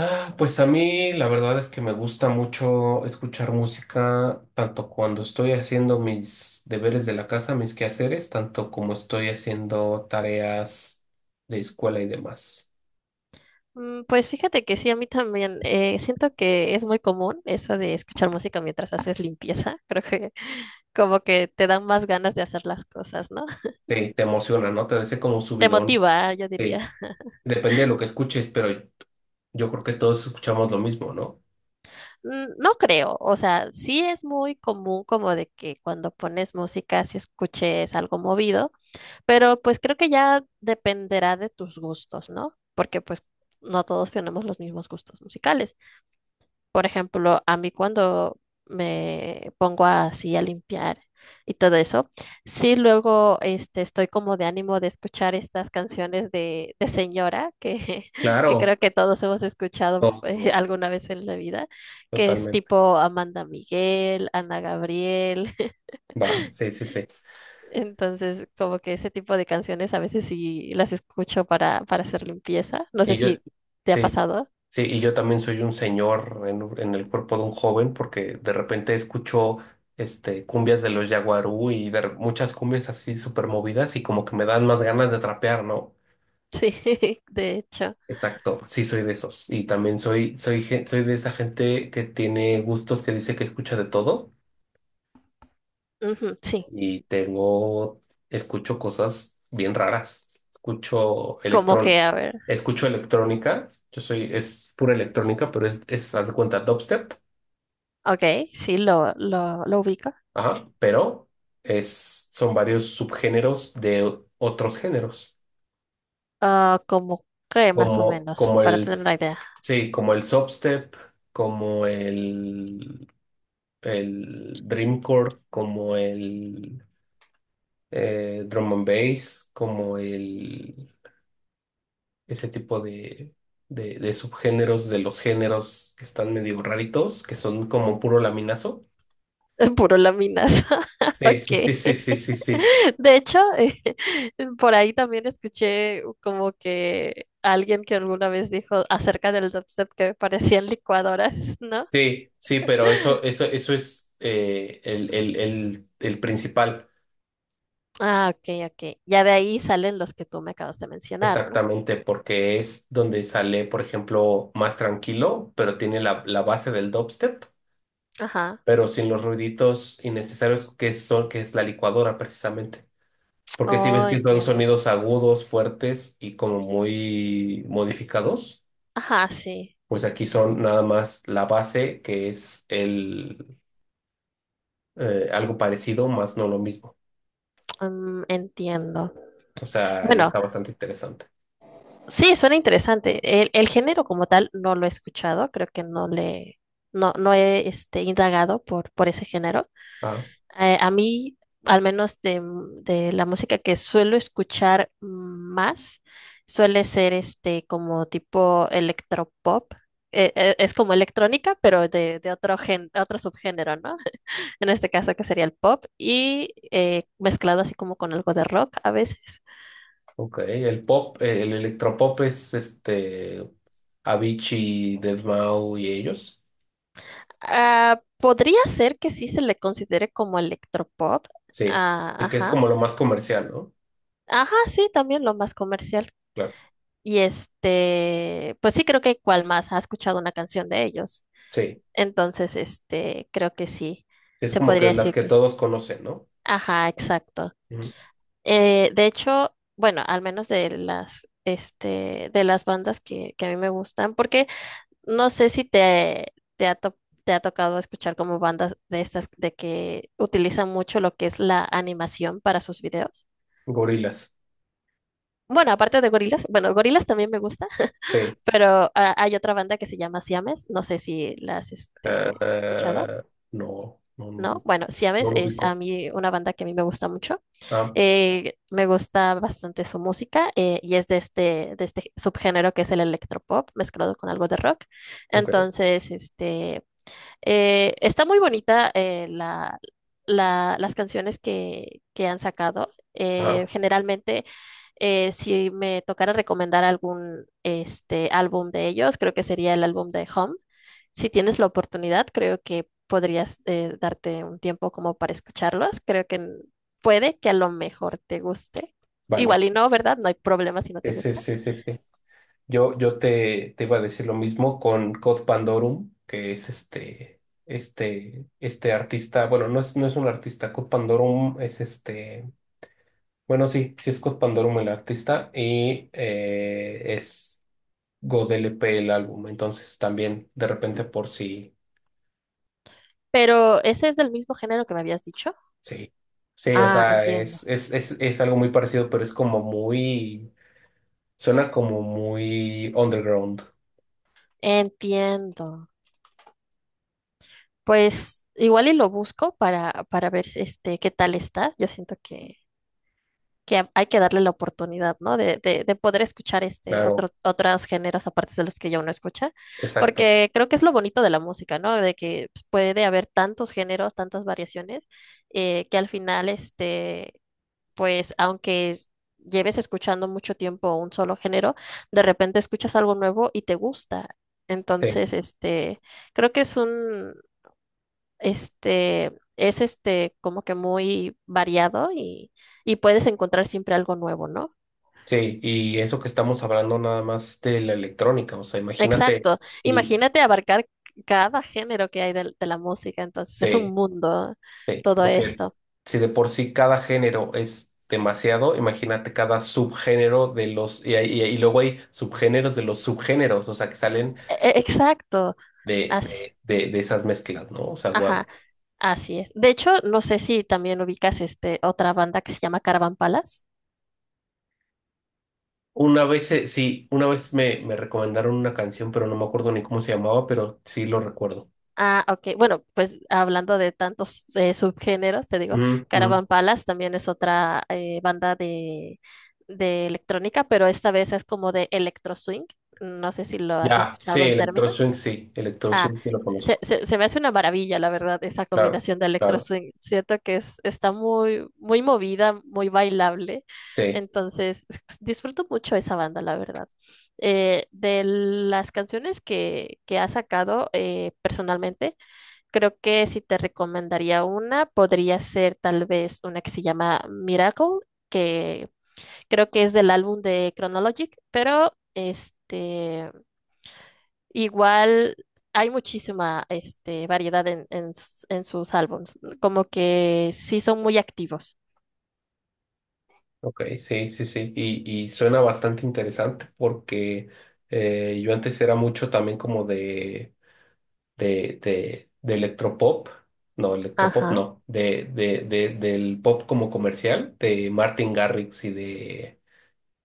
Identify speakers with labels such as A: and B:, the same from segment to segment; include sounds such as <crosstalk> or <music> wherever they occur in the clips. A: Ah, pues a mí la verdad es que me gusta mucho escuchar música, tanto cuando estoy haciendo mis deberes de la casa, mis quehaceres, tanto como estoy haciendo tareas de escuela y demás.
B: Pues fíjate que sí, a mí también. Siento que es muy común eso de escuchar música mientras haces limpieza. <laughs> Creo que como que te dan más ganas de hacer las cosas, ¿no?
A: Sí, te emociona, ¿no? Te da ese como
B: Te
A: subidón.
B: motiva, yo
A: Sí,
B: diría.
A: depende de lo que escuches, pero yo creo que todos escuchamos lo mismo, ¿no?
B: No creo, o sea, sí es muy común como de que cuando pones música, si escuches algo movido, pero pues creo que ya dependerá de tus gustos, ¿no? Porque pues no todos tenemos los mismos gustos musicales. Por ejemplo, a mí cuando me pongo así a limpiar y todo eso, sí luego estoy como de ánimo de escuchar estas canciones de señora que, <laughs> que creo
A: Claro.
B: que todos hemos escuchado <laughs>
A: Todos,
B: alguna vez en la vida, que es
A: totalmente.
B: tipo Amanda Miguel, Ana Gabriel. <laughs>
A: Va, sí, sí, sí.
B: Entonces, como que ese tipo de canciones a veces sí las escucho para hacer limpieza. No sé
A: Y yo,
B: si te ha
A: sí.
B: pasado. <laughs>
A: Sí, y yo también soy un señor en en el cuerpo de un joven porque de repente escucho cumbias de los Yaguarú y muchas cumbias así súper movidas y como que me dan más ganas de trapear, ¿no?
B: Sí, de hecho.
A: Exacto, sí soy de esos. Y también soy de esa gente que tiene gustos que dice que escucha de todo
B: Ujú, sí,
A: y escucho cosas bien raras.
B: como que a ver.
A: Escucho electrónica, es pura electrónica, pero haz de cuenta, dubstep.
B: Ok, sí, lo ubico.
A: Ajá, pero son varios subgéneros de otros géneros,
B: Ah, como que más o menos,
A: como
B: para
A: el,
B: tener una idea.
A: sí, como el substep, como el, el dreamcore, como el drum and bass, ese tipo de subgéneros de los géneros que están medio raritos, que son como puro laminazo.
B: <laughs> Puro láminas. <laughs>
A: Sí, sí, sí,
B: Ok.
A: sí, sí, sí,
B: <laughs>
A: sí.
B: De hecho, <laughs> por ahí también escuché como que alguien que alguna vez dijo acerca del dubstep que parecían licuadoras, ¿no?
A: Sí, sí, pero eso es el principal,
B: Ah, ok, ok. Ya de ahí salen los que tú me acabas de mencionar, ¿no?
A: exactamente, porque es donde sale, por ejemplo, más tranquilo, pero tiene la base del dubstep,
B: Ajá.
A: pero sin los ruiditos innecesarios que es la licuadora, precisamente. Porque si ves
B: Oh,
A: que son
B: entiendo.
A: sonidos agudos, fuertes y como muy modificados,
B: Ajá, sí.
A: pues aquí son nada más la base, que es el algo parecido, más no lo mismo.
B: Entiendo.
A: O sea, ahí
B: Bueno,
A: está bastante interesante.
B: sí, suena interesante. El género como tal no lo he escuchado, creo que no, no he indagado por ese género.
A: Ajá.
B: A mí, al menos de la música que suelo escuchar más, suele ser este como tipo electropop. Es como electrónica, pero de otro gen, otro subgénero, ¿no? <laughs> En este caso que sería el pop y mezclado así como con algo de rock a veces.
A: Ok, el electropop es este Avicii, Deadmau y ellos.
B: Ah, podría ser que sí se le considere como electropop.
A: Sí,
B: Ah,
A: y que es
B: ajá.
A: como lo más comercial, ¿no?
B: Ajá, sí, también lo más comercial.
A: Claro.
B: Y este, pues sí, creo que cual más ha escuchado una canción de ellos.
A: Sí,
B: Entonces, este, creo que sí,
A: es
B: se
A: como
B: podría
A: que las
B: decir
A: que
B: que.
A: todos conocen, ¿no?
B: Ajá, exacto.
A: Ujú.
B: De hecho, bueno, al menos de las, este, de las bandas que a mí me gustan, porque no sé si te ha tocado escuchar como bandas de estas de que utilizan mucho lo que es la animación para sus videos.
A: Gorilas.
B: Bueno, aparte de gorilas, bueno, gorilas también me gusta,
A: Sí.
B: <laughs> pero hay otra banda que se llama Siames, no sé si la has
A: Ah,
B: escuchado,
A: ah, no,
B: ¿no?
A: no,
B: Bueno,
A: no
B: Siames
A: lo
B: es a
A: ubico.
B: mí una banda que a mí me gusta mucho,
A: Ah,
B: me gusta bastante su música y es de de este subgénero que es el electropop mezclado con algo de rock.
A: ok.
B: Entonces, este, está muy bonita la, la- las canciones que han sacado.
A: Ajá,
B: Generalmente, si me tocara recomendar algún este, álbum de ellos, creo que sería el álbum de Home. Si tienes la oportunidad, creo que podrías darte un tiempo como para escucharlos. Creo que puede que a lo mejor te guste.
A: vale.
B: Igual y no, ¿verdad? No hay problema si no te
A: Ese,
B: gusta.
A: ese, ese. Yo te iba a decir lo mismo con Cod Pandorum, que es este artista, bueno, no es un artista, Cod Pandorum es bueno, sí, sí es Cod Pandorum el artista y es God LP el álbum, entonces también de repente por si
B: Pero ese es del mismo género que me habías dicho.
A: sí, sí, o
B: Ah,
A: sea,
B: entiendo.
A: es algo muy parecido, suena como muy underground,
B: Entiendo. Pues igual y lo busco para ver si, este qué tal está. Yo siento que, hay que darle la oportunidad, ¿no? De poder escuchar este otro,
A: claro,
B: otros géneros aparte de los que ya uno escucha.
A: exacto.
B: Porque creo que es lo bonito de la música, ¿no? De que pues, puede haber tantos géneros, tantas variaciones, que al final, este, pues, lleves escuchando mucho tiempo un solo género, de repente escuchas algo nuevo y te gusta.
A: Sí.
B: Entonces, este. Creo que es un, este, es este como que muy variado y puedes encontrar siempre algo nuevo, ¿no?
A: Sí, y eso que estamos hablando nada más de la electrónica, o sea, imagínate,
B: Exacto.
A: y
B: Imagínate abarcar cada género que hay de la música, entonces es un
A: sí,
B: mundo
A: sí,
B: todo
A: porque
B: esto.
A: si de por sí cada género es demasiado, imagínate cada subgénero de los, y, hay- y luego hay subgéneros de los subgéneros, o sea, que salen
B: Exacto. Así,
A: de esas mezclas, ¿no? O sea, guau.
B: ajá, así es. De hecho, no sé si también ubicas este otra banda que se llama Caravan Palace.
A: Sí, una vez me recomendaron una canción, pero no me acuerdo ni cómo se llamaba, pero sí lo recuerdo.
B: Ah, ok. Bueno, pues hablando de tantos subgéneros, te digo,
A: Ujú, ujú.
B: Caravan Palace también es otra banda de electrónica, pero esta vez es como de electro swing. No sé si lo has
A: Ya, sí,
B: escuchado el
A: Electro
B: término.
A: Swing, sí, Electro
B: Ah,
A: Swing, sí lo
B: se,
A: conozco,
B: se, se me hace una maravilla, la verdad, esa
A: claro,
B: combinación de electro
A: claro.
B: swing. Siento que es, está muy movida, muy bailable.
A: Sí,
B: Entonces, <laughs> disfruto mucho esa banda, la verdad de las canciones que ha sacado personalmente, creo que si te recomendaría una, podría ser tal vez una que se llama Miracle, que creo que es del álbum de Chronologic, pero este, igual hay muchísima este, variedad en sus álbums, como que sí son muy activos.
A: ok, sí, sí, sí. Y suena bastante interesante porque yo antes era mucho también como de electropop. No, electropop
B: Ajá.
A: no. Del pop como comercial, de Martin Garrix y de.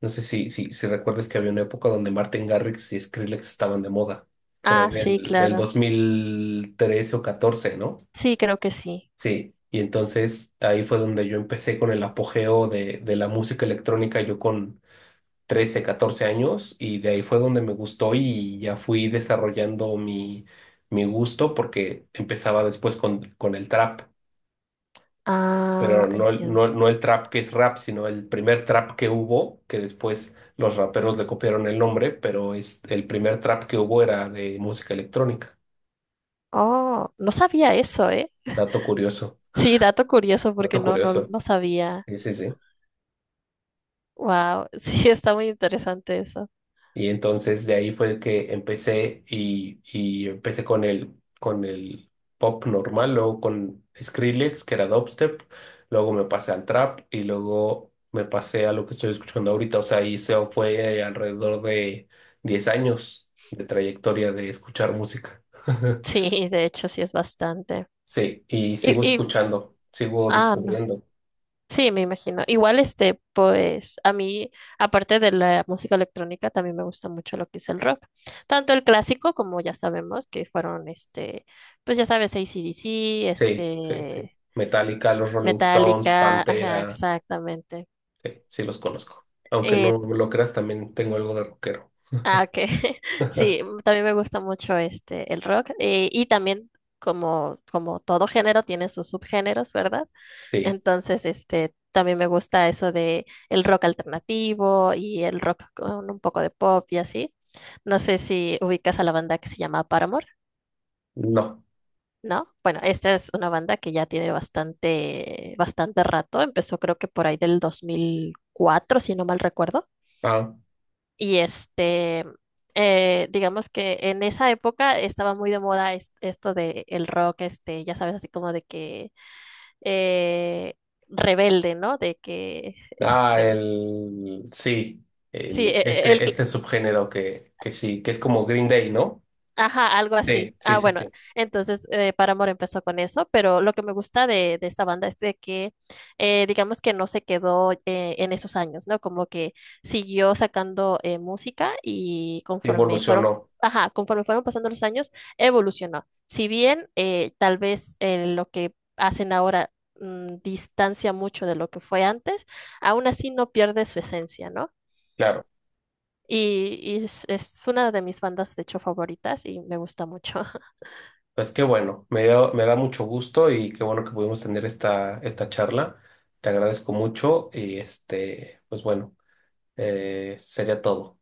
A: No sé si recuerdas que había una época donde Martin Garrix y Skrillex estaban de moda, por
B: Ah,
A: ahí
B: sí,
A: del
B: claro.
A: 2013 o 14, ¿no?
B: Sí, creo que sí.
A: Sí, y entonces ahí fue donde yo empecé con el apogeo de la música electrónica, yo con 13 14 años, y de ahí fue donde me gustó y ya fui desarrollando mi gusto porque empezaba después con el trap,
B: Ah,
A: pero no, no,
B: entiendo.
A: no el trap que es rap, sino el primer trap que hubo, que después los raperos le copiaron el nombre, el primer trap que hubo era de música electrónica.
B: Oh, no sabía eso, ¿eh?
A: Dato curioso,
B: Sí, dato curioso porque
A: dato curioso.
B: no sabía.
A: Sí, sí, sí.
B: Wow, <laughs> sí, está muy interesante eso.
A: Y entonces de ahí fue que empecé y empecé con con el pop normal, luego con Skrillex, que era dubstep, luego me pasé al trap y luego me pasé a lo que estoy escuchando ahorita. O sea, y eso fue alrededor de 10 años de trayectoria de escuchar música. <laughs>
B: Sí, de hecho, sí es bastante.
A: Sí, y
B: Y,
A: sigo
B: y,
A: escuchando, sigo
B: ah, no.
A: descubriendo.
B: Sí, me imagino. Igual este, pues, a mí, aparte de la música electrónica, también me gusta mucho lo que es el rock. Tanto el clásico, como ya sabemos, que fueron este, pues ya sabes, AC/DC,
A: Sí, sí, sí.
B: este,
A: Metallica, los Rolling Stones,
B: Metallica, ajá,
A: Pantera.
B: exactamente.
A: Sí, sí los conozco. Aunque no lo creas, también tengo algo de rockero.
B: Ah, ok. <laughs> Sí,
A: <laughs>
B: también me gusta mucho este el rock y también como como todo género tiene sus subgéneros, ¿verdad?
A: Sí,
B: Entonces, este también me gusta eso de el rock alternativo y el rock con un poco de pop y así. No sé si ubicas a la banda que se llama Paramore,
A: no.
B: ¿no? Bueno, esta es una banda que ya tiene bastante bastante rato, empezó creo que por ahí del 2004, si no mal recuerdo.
A: Ah,
B: Y este, digamos que en esa época estaba muy de moda esto de el rock, este, ya sabes, así como de que eh, rebelde, ¿no? De que,
A: ah,
B: este,
A: el sí,
B: sí,
A: el
B: el,
A: este subgénero que sí, que es como Green Day, ¿no?
B: ajá, algo
A: Sí,
B: así.
A: sí,
B: Ah,
A: sí,
B: bueno,
A: sí.
B: entonces Paramore empezó con eso, pero lo que me gusta de esta banda es de que, digamos que no se quedó en esos años, ¿no? Como que siguió sacando música y conforme fueron,
A: Evolucionó,
B: ajá, conforme fueron pasando los años, evolucionó. Si bien tal vez lo que hacen ahora distancia mucho de lo que fue antes, aún así no pierde su esencia, ¿no?
A: claro.
B: Y es una de mis bandas, de hecho, favoritas y me gusta mucho.
A: Pues qué bueno, me da mucho gusto y qué bueno que pudimos tener esta charla. Te agradezco mucho y pues bueno, sería todo.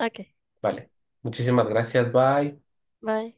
B: Ok,
A: Vale. Muchísimas gracias, bye.
B: bye.